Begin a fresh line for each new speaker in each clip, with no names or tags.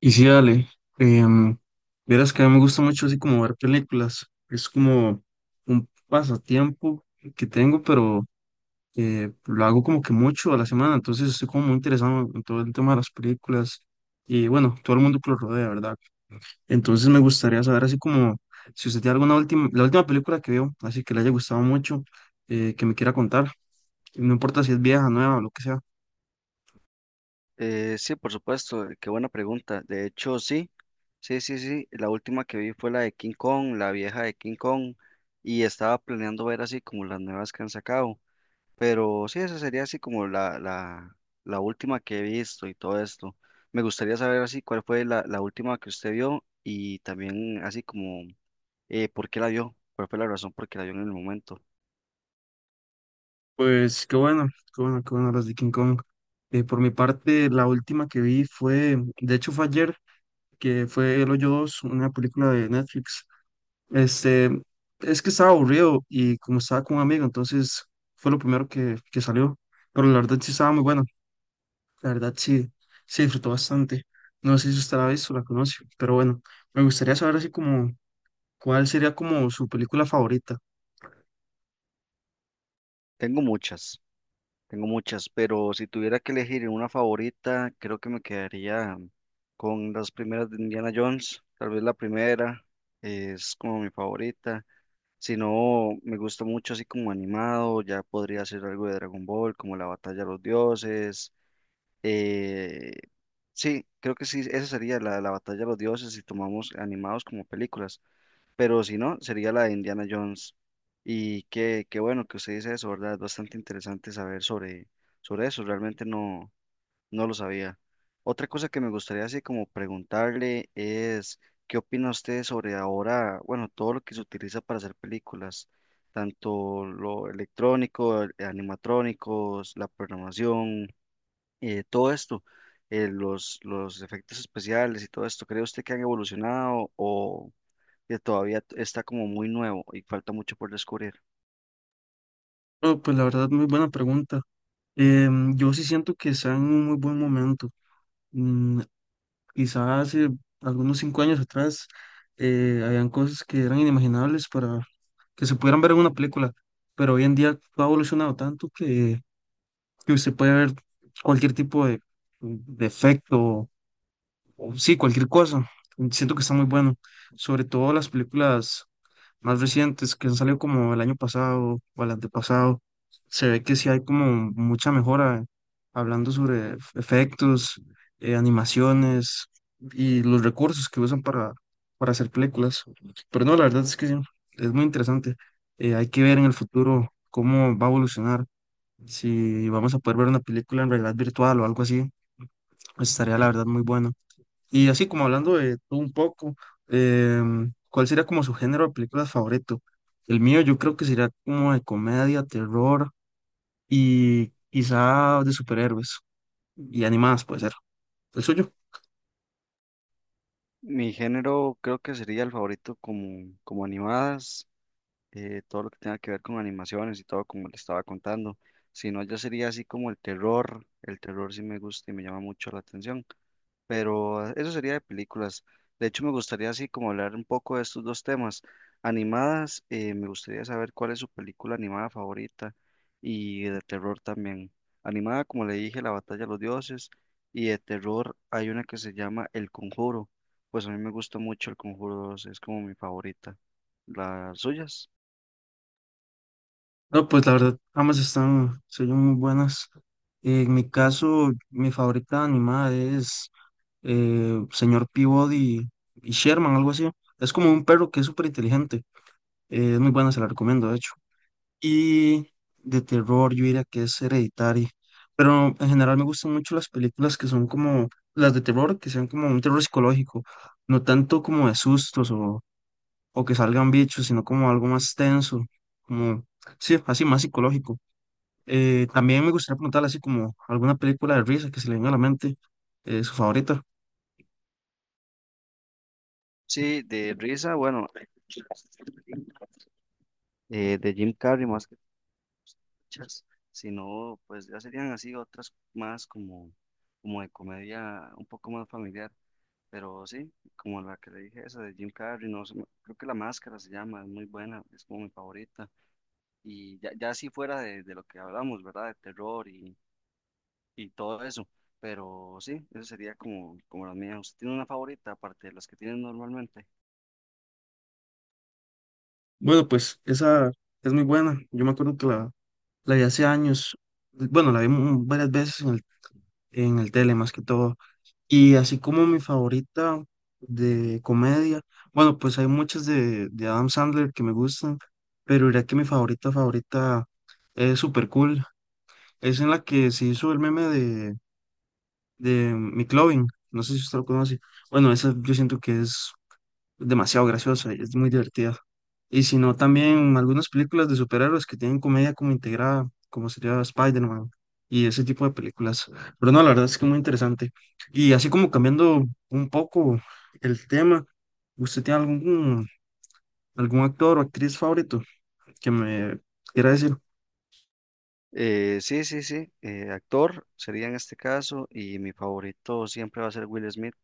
Y sí, dale. em, Verás que a mí me gusta mucho así como ver películas. Es como un pasatiempo que tengo, pero lo hago como que mucho a la semana. Entonces estoy como muy interesado en todo el tema de las películas y bueno, todo el mundo que lo rodea, ¿verdad? Entonces me gustaría saber así como si usted tiene alguna última, la última película que vio, así que le haya gustado mucho, que me quiera contar. No importa si es vieja, nueva o lo que sea.
Sí, por supuesto, qué buena pregunta. De hecho, sí. La última que vi fue la de King Kong, la vieja de King Kong, y estaba planeando ver así como las nuevas que han sacado. Pero sí, esa sería así como la última que he visto y todo esto. Me gustaría saber así cuál fue la última que usted vio y también así como por qué la vio, cuál fue la razón por qué la vio en el momento.
Pues qué bueno, qué bueno, qué bueno las de King Kong. Por mi parte, la última que vi fue, de hecho fue ayer, que fue El Hoyo Dos, una película de Netflix. Este, es que estaba aburrido y como estaba con un amigo, entonces fue lo primero que salió. Pero la verdad sí estaba muy bueno, la verdad sí, sí disfrutó bastante. No sé si usted la ha visto o la conoce, pero bueno, me gustaría saber así como cuál sería como su película favorita.
Tengo muchas. Tengo muchas, pero si tuviera que elegir una favorita, creo que me quedaría con las primeras de Indiana Jones. Tal vez la primera es como mi favorita. Si no, me gusta mucho así como animado, ya podría ser algo de Dragon Ball, como la batalla de los dioses. eh, sí, creo que sí, esa sería la batalla de los dioses si tomamos animados como películas, pero si no, sería la de Indiana Jones. Y qué bueno que usted dice eso, ¿verdad? Es bastante interesante saber sobre eso, realmente no lo sabía. Otra cosa que me gustaría así como preguntarle es, ¿qué opina usted sobre ahora? Bueno, todo lo que se utiliza para hacer películas, tanto lo electrónico, animatrónicos, la programación, todo esto, los efectos especiales y todo esto, ¿cree usted que han evolucionado o que todavía está como muy nuevo y falta mucho por descubrir?
Oh, pues la verdad, muy buena pregunta. Yo sí siento que está en un muy buen momento. Mm, Quizá hace algunos 5 años atrás habían cosas que eran inimaginables para que se pudieran ver en una película, pero hoy en día todo ha evolucionado tanto que usted puede ver cualquier tipo de efecto o sí, cualquier cosa. Siento que está muy bueno, sobre todo las películas más recientes que han salido como el año pasado o el antepasado, se ve que sí hay como mucha mejora hablando sobre efectos, animaciones y los recursos que usan para hacer películas. Pero no, la verdad es que sí, es muy interesante. Hay que ver en el futuro cómo va a evolucionar, si vamos a poder ver una película en realidad virtual o algo así, pues estaría la verdad muy bueno. Y así como hablando de todo un poco, ¿cuál sería como su género de películas favorito? El mío yo creo que sería como de comedia, terror y quizá de superhéroes y animadas puede ser. ¿El suyo?
Mi género creo que sería el favorito como, como animadas, todo lo que tenga que ver con animaciones y todo como le estaba contando. Si no, ya sería así como el terror. El terror sí me gusta y me llama mucho la atención. Pero eso sería de películas. De hecho, me gustaría así como hablar un poco de estos dos temas. Animadas, me gustaría saber cuál es su película animada favorita y de terror también. Animada, como le dije, La Batalla de los Dioses, y de terror hay una que se llama El Conjuro. Pues a mí me gusta mucho El Conjuro 2, es como mi favorita. ¿Las suyas?
No, pues la verdad, ambas están, se oyen muy buenas. En mi caso, mi favorita animada es Señor Peabody y Sherman, algo así. Es como un perro que es súper inteligente. Es muy buena, se la recomiendo, de hecho. Y de terror, yo diría que es Hereditary. Pero en general me gustan mucho las películas que son como las de terror, que sean como un terror psicológico, no tanto como de sustos o que salgan bichos, sino como algo más tenso, como, sí, así más psicológico. También me gustaría preguntarle así como alguna película de risa que se le venga a la mente, su favorita.
Sí, de risa, bueno, de Jim Carrey más que muchas, sino pues ya serían así otras más como, como de comedia un poco más familiar, pero sí, como la que le dije, esa de Jim Carrey, no sé, creo que La Máscara se llama, es muy buena, es como mi favorita, y ya, ya así fuera de lo que hablamos, ¿verdad? De terror y todo eso, pero sí, eso sería como, como la mía. ¿Usted tiene una favorita aparte de las que tienen normalmente?
Bueno, pues esa es muy buena. Yo me acuerdo que la vi hace años. Bueno, la vi varias veces en en el tele más que todo. Y así como mi favorita de comedia, bueno, pues hay muchas de Adam Sandler que me gustan, pero diría que mi favorita favorita es Super Cool. Es en la que se hizo el meme de McLovin, no sé si usted lo conoce. Bueno, esa yo siento que es demasiado graciosa, y es muy divertida. Y si no, también algunas películas de superhéroes que tienen comedia como integrada, como sería Spider-Man y ese tipo de películas. Pero no, la verdad es que muy interesante. Y así como cambiando un poco el tema, ¿usted tiene algún actor o actriz favorito que me quiera decir?
Sí, actor sería en este caso y mi favorito siempre va a ser Will Smith.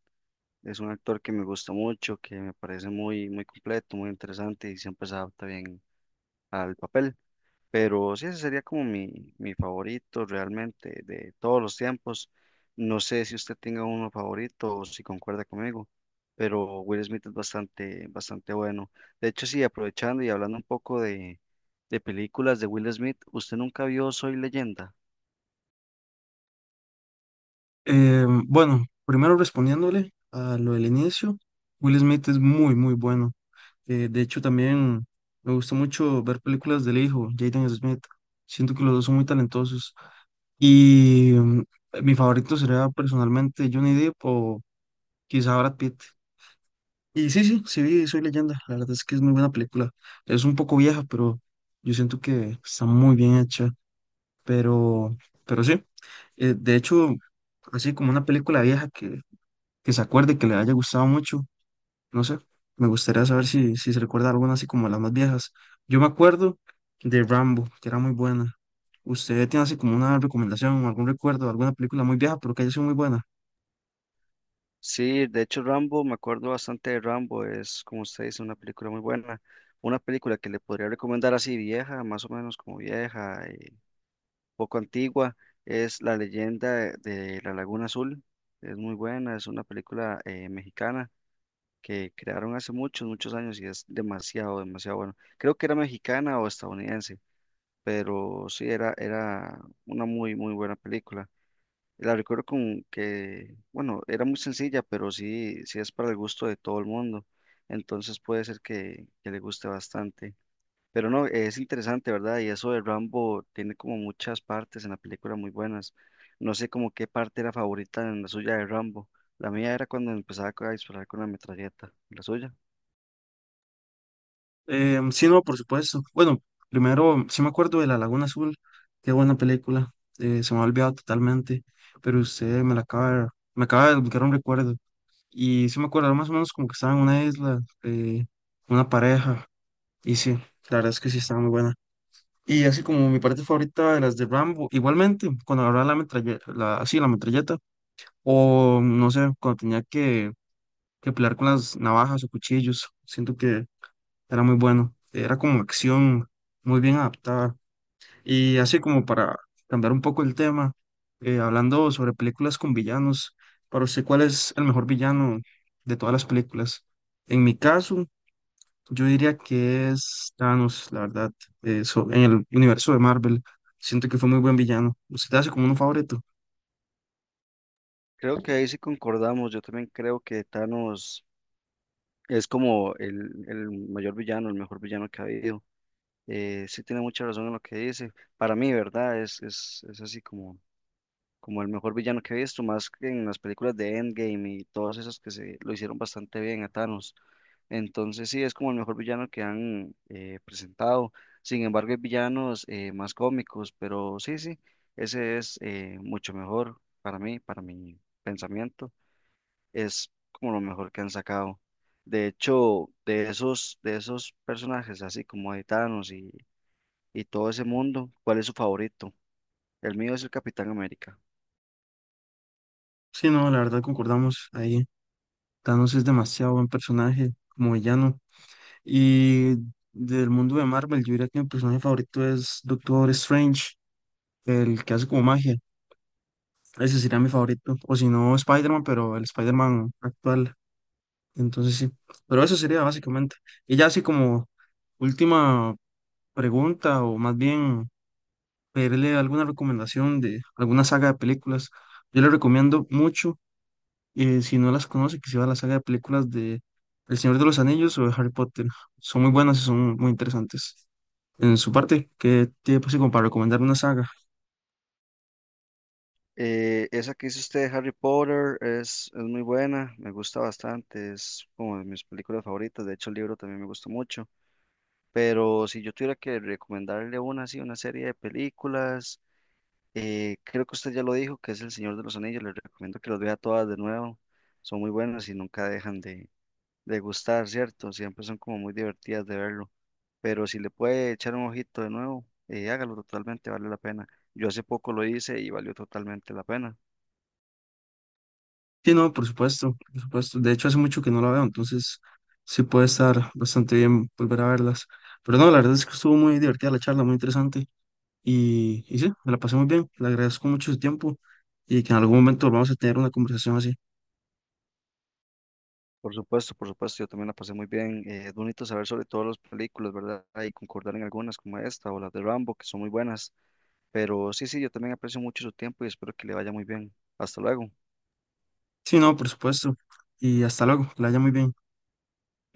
Es un actor que me gusta mucho, que me parece muy, muy completo, muy interesante y siempre se adapta bien al papel. Pero sí, ese sería como mi favorito realmente de todos los tiempos. No sé si usted tenga uno favorito o si concuerda conmigo, pero Will Smith es bastante, bastante bueno. De hecho, sí, aprovechando y hablando un poco de películas de Will Smith, ¿usted nunca vio Soy Leyenda?
Bueno, primero respondiéndole a lo del inicio, Will Smith es muy, muy bueno. De hecho, también me gusta mucho ver películas del hijo, Jaden Smith. Siento que los dos son muy talentosos. Y mi favorito sería personalmente Johnny Depp o quizá Brad Pitt. Y sí, sí, sí, vi Soy Leyenda. La verdad es que es muy buena película. Es un poco vieja, pero yo siento que está muy bien hecha. Pero, pero sí. De hecho, así como una película vieja que se acuerde, que le haya gustado mucho. No sé, me gustaría saber si, si se recuerda alguna así como las más viejas. Yo me acuerdo de Rambo, que era muy buena. ¿Usted tiene así como una recomendación, algún recuerdo, alguna película muy vieja, pero que haya sido muy buena?
Sí, de hecho Rambo, me acuerdo bastante de Rambo, es como usted dice, una película muy buena, una película que le podría recomendar así vieja, más o menos como vieja, y poco antigua, es La leyenda de, la Laguna Azul, es muy buena, es una película mexicana que crearon hace muchos, muchos años y es demasiado, demasiado bueno. Creo que era mexicana o estadounidense, pero sí, era, era una muy, muy buena película. La recuerdo con que, bueno, era muy sencilla, pero sí, sí es para el gusto de todo el mundo. Entonces puede ser que le guste bastante. Pero no, es interesante, ¿verdad? Y eso de Rambo tiene como muchas partes en la película muy buenas. No sé como qué parte era favorita en la suya de Rambo. La mía era cuando empezaba a disparar con la metralleta, la suya.
Sí, no, por supuesto. Bueno, primero, sí me acuerdo de La Laguna Azul, qué buena película. Se me ha olvidado totalmente, pero usted me la acaba de, me acaba de desbloquear un recuerdo. Y sí me acuerdo, era más o menos como que estaba en una isla, una pareja, y sí, la verdad es que sí estaba muy buena. Y así como mi parte favorita de las de Rambo, igualmente, cuando agarraba la metralleta, la, así, la metralleta, o no sé, cuando tenía que pelear con las navajas o cuchillos, siento que era muy bueno, era como acción muy bien adaptada. Y así como para cambiar un poco el tema, hablando sobre películas con villanos, para usted, ¿cuál es el mejor villano de todas las películas? En mi caso, yo diría que es Thanos, la verdad, en el universo de Marvel. Siento que fue muy buen villano. ¿Usted te hace como un favorito?
Creo que ahí sí concordamos. Yo también creo que Thanos es como el mayor villano, el mejor villano que ha habido. Sí tiene mucha razón en lo que dice. Para mí, ¿verdad? Es así como, como el mejor villano que he visto, más que en las películas de Endgame y todas esas que se lo hicieron bastante bien a Thanos. Entonces sí, es como el mejor villano que han presentado. Sin embargo, hay villanos más cómicos, pero sí, sí, ese es mucho mejor para mí, para mi pensamiento. Es como lo mejor que han sacado. De hecho, de esos personajes, así como de Thanos y todo ese mundo. ¿Cuál es su favorito? El mío es el Capitán América.
Sí, no, la verdad concordamos ahí. Thanos es demasiado buen personaje como villano. Y del mundo de Marvel, yo diría que mi personaje favorito es Doctor Strange, el que hace como magia. Ese sería mi favorito. O si no, Spider-Man, pero el Spider-Man actual. Entonces sí. Pero eso sería básicamente. Y ya así como última pregunta, o más bien pedirle alguna recomendación de alguna saga de películas. Yo le recomiendo mucho, si no las conoce, que se vea la saga de películas de El Señor de los Anillos o de Harry Potter. Son muy buenas y son muy interesantes. En su parte, ¿qué tiene pues, como para recomendar una saga?
Esa que hizo usted de Harry Potter es muy buena, me gusta bastante, es como de mis películas favoritas, de hecho el libro también me gusta mucho, pero si yo tuviera que recomendarle una así, una serie de películas, creo que usted ya lo dijo, que es El Señor de los Anillos, le recomiendo que los vea todas de nuevo, son muy buenas y nunca dejan de gustar, ¿cierto? Siempre son como muy divertidas de verlo. Pero si le puede echar un ojito de nuevo, hágalo totalmente, vale la pena. Yo hace poco lo hice y valió totalmente la pena.
Sí, no, por supuesto, por supuesto. De hecho, hace mucho que no la veo, entonces sí puede estar bastante bien volver a verlas. Pero no, la verdad es que estuvo muy divertida la charla, muy interesante. Y sí, me la pasé muy bien. Le agradezco mucho su tiempo y que en algún momento vamos a tener una conversación así.
Por supuesto, yo también la pasé muy bien. Es bonito saber sobre todas las películas, ¿verdad? Y concordar en algunas como esta o las de Rambo, que son muy buenas. Pero sí, sí, yo también aprecio mucho su tiempo y espero que le vaya muy bien. Hasta luego.
Sí, no, por supuesto. Y hasta luego, que la haya muy bien.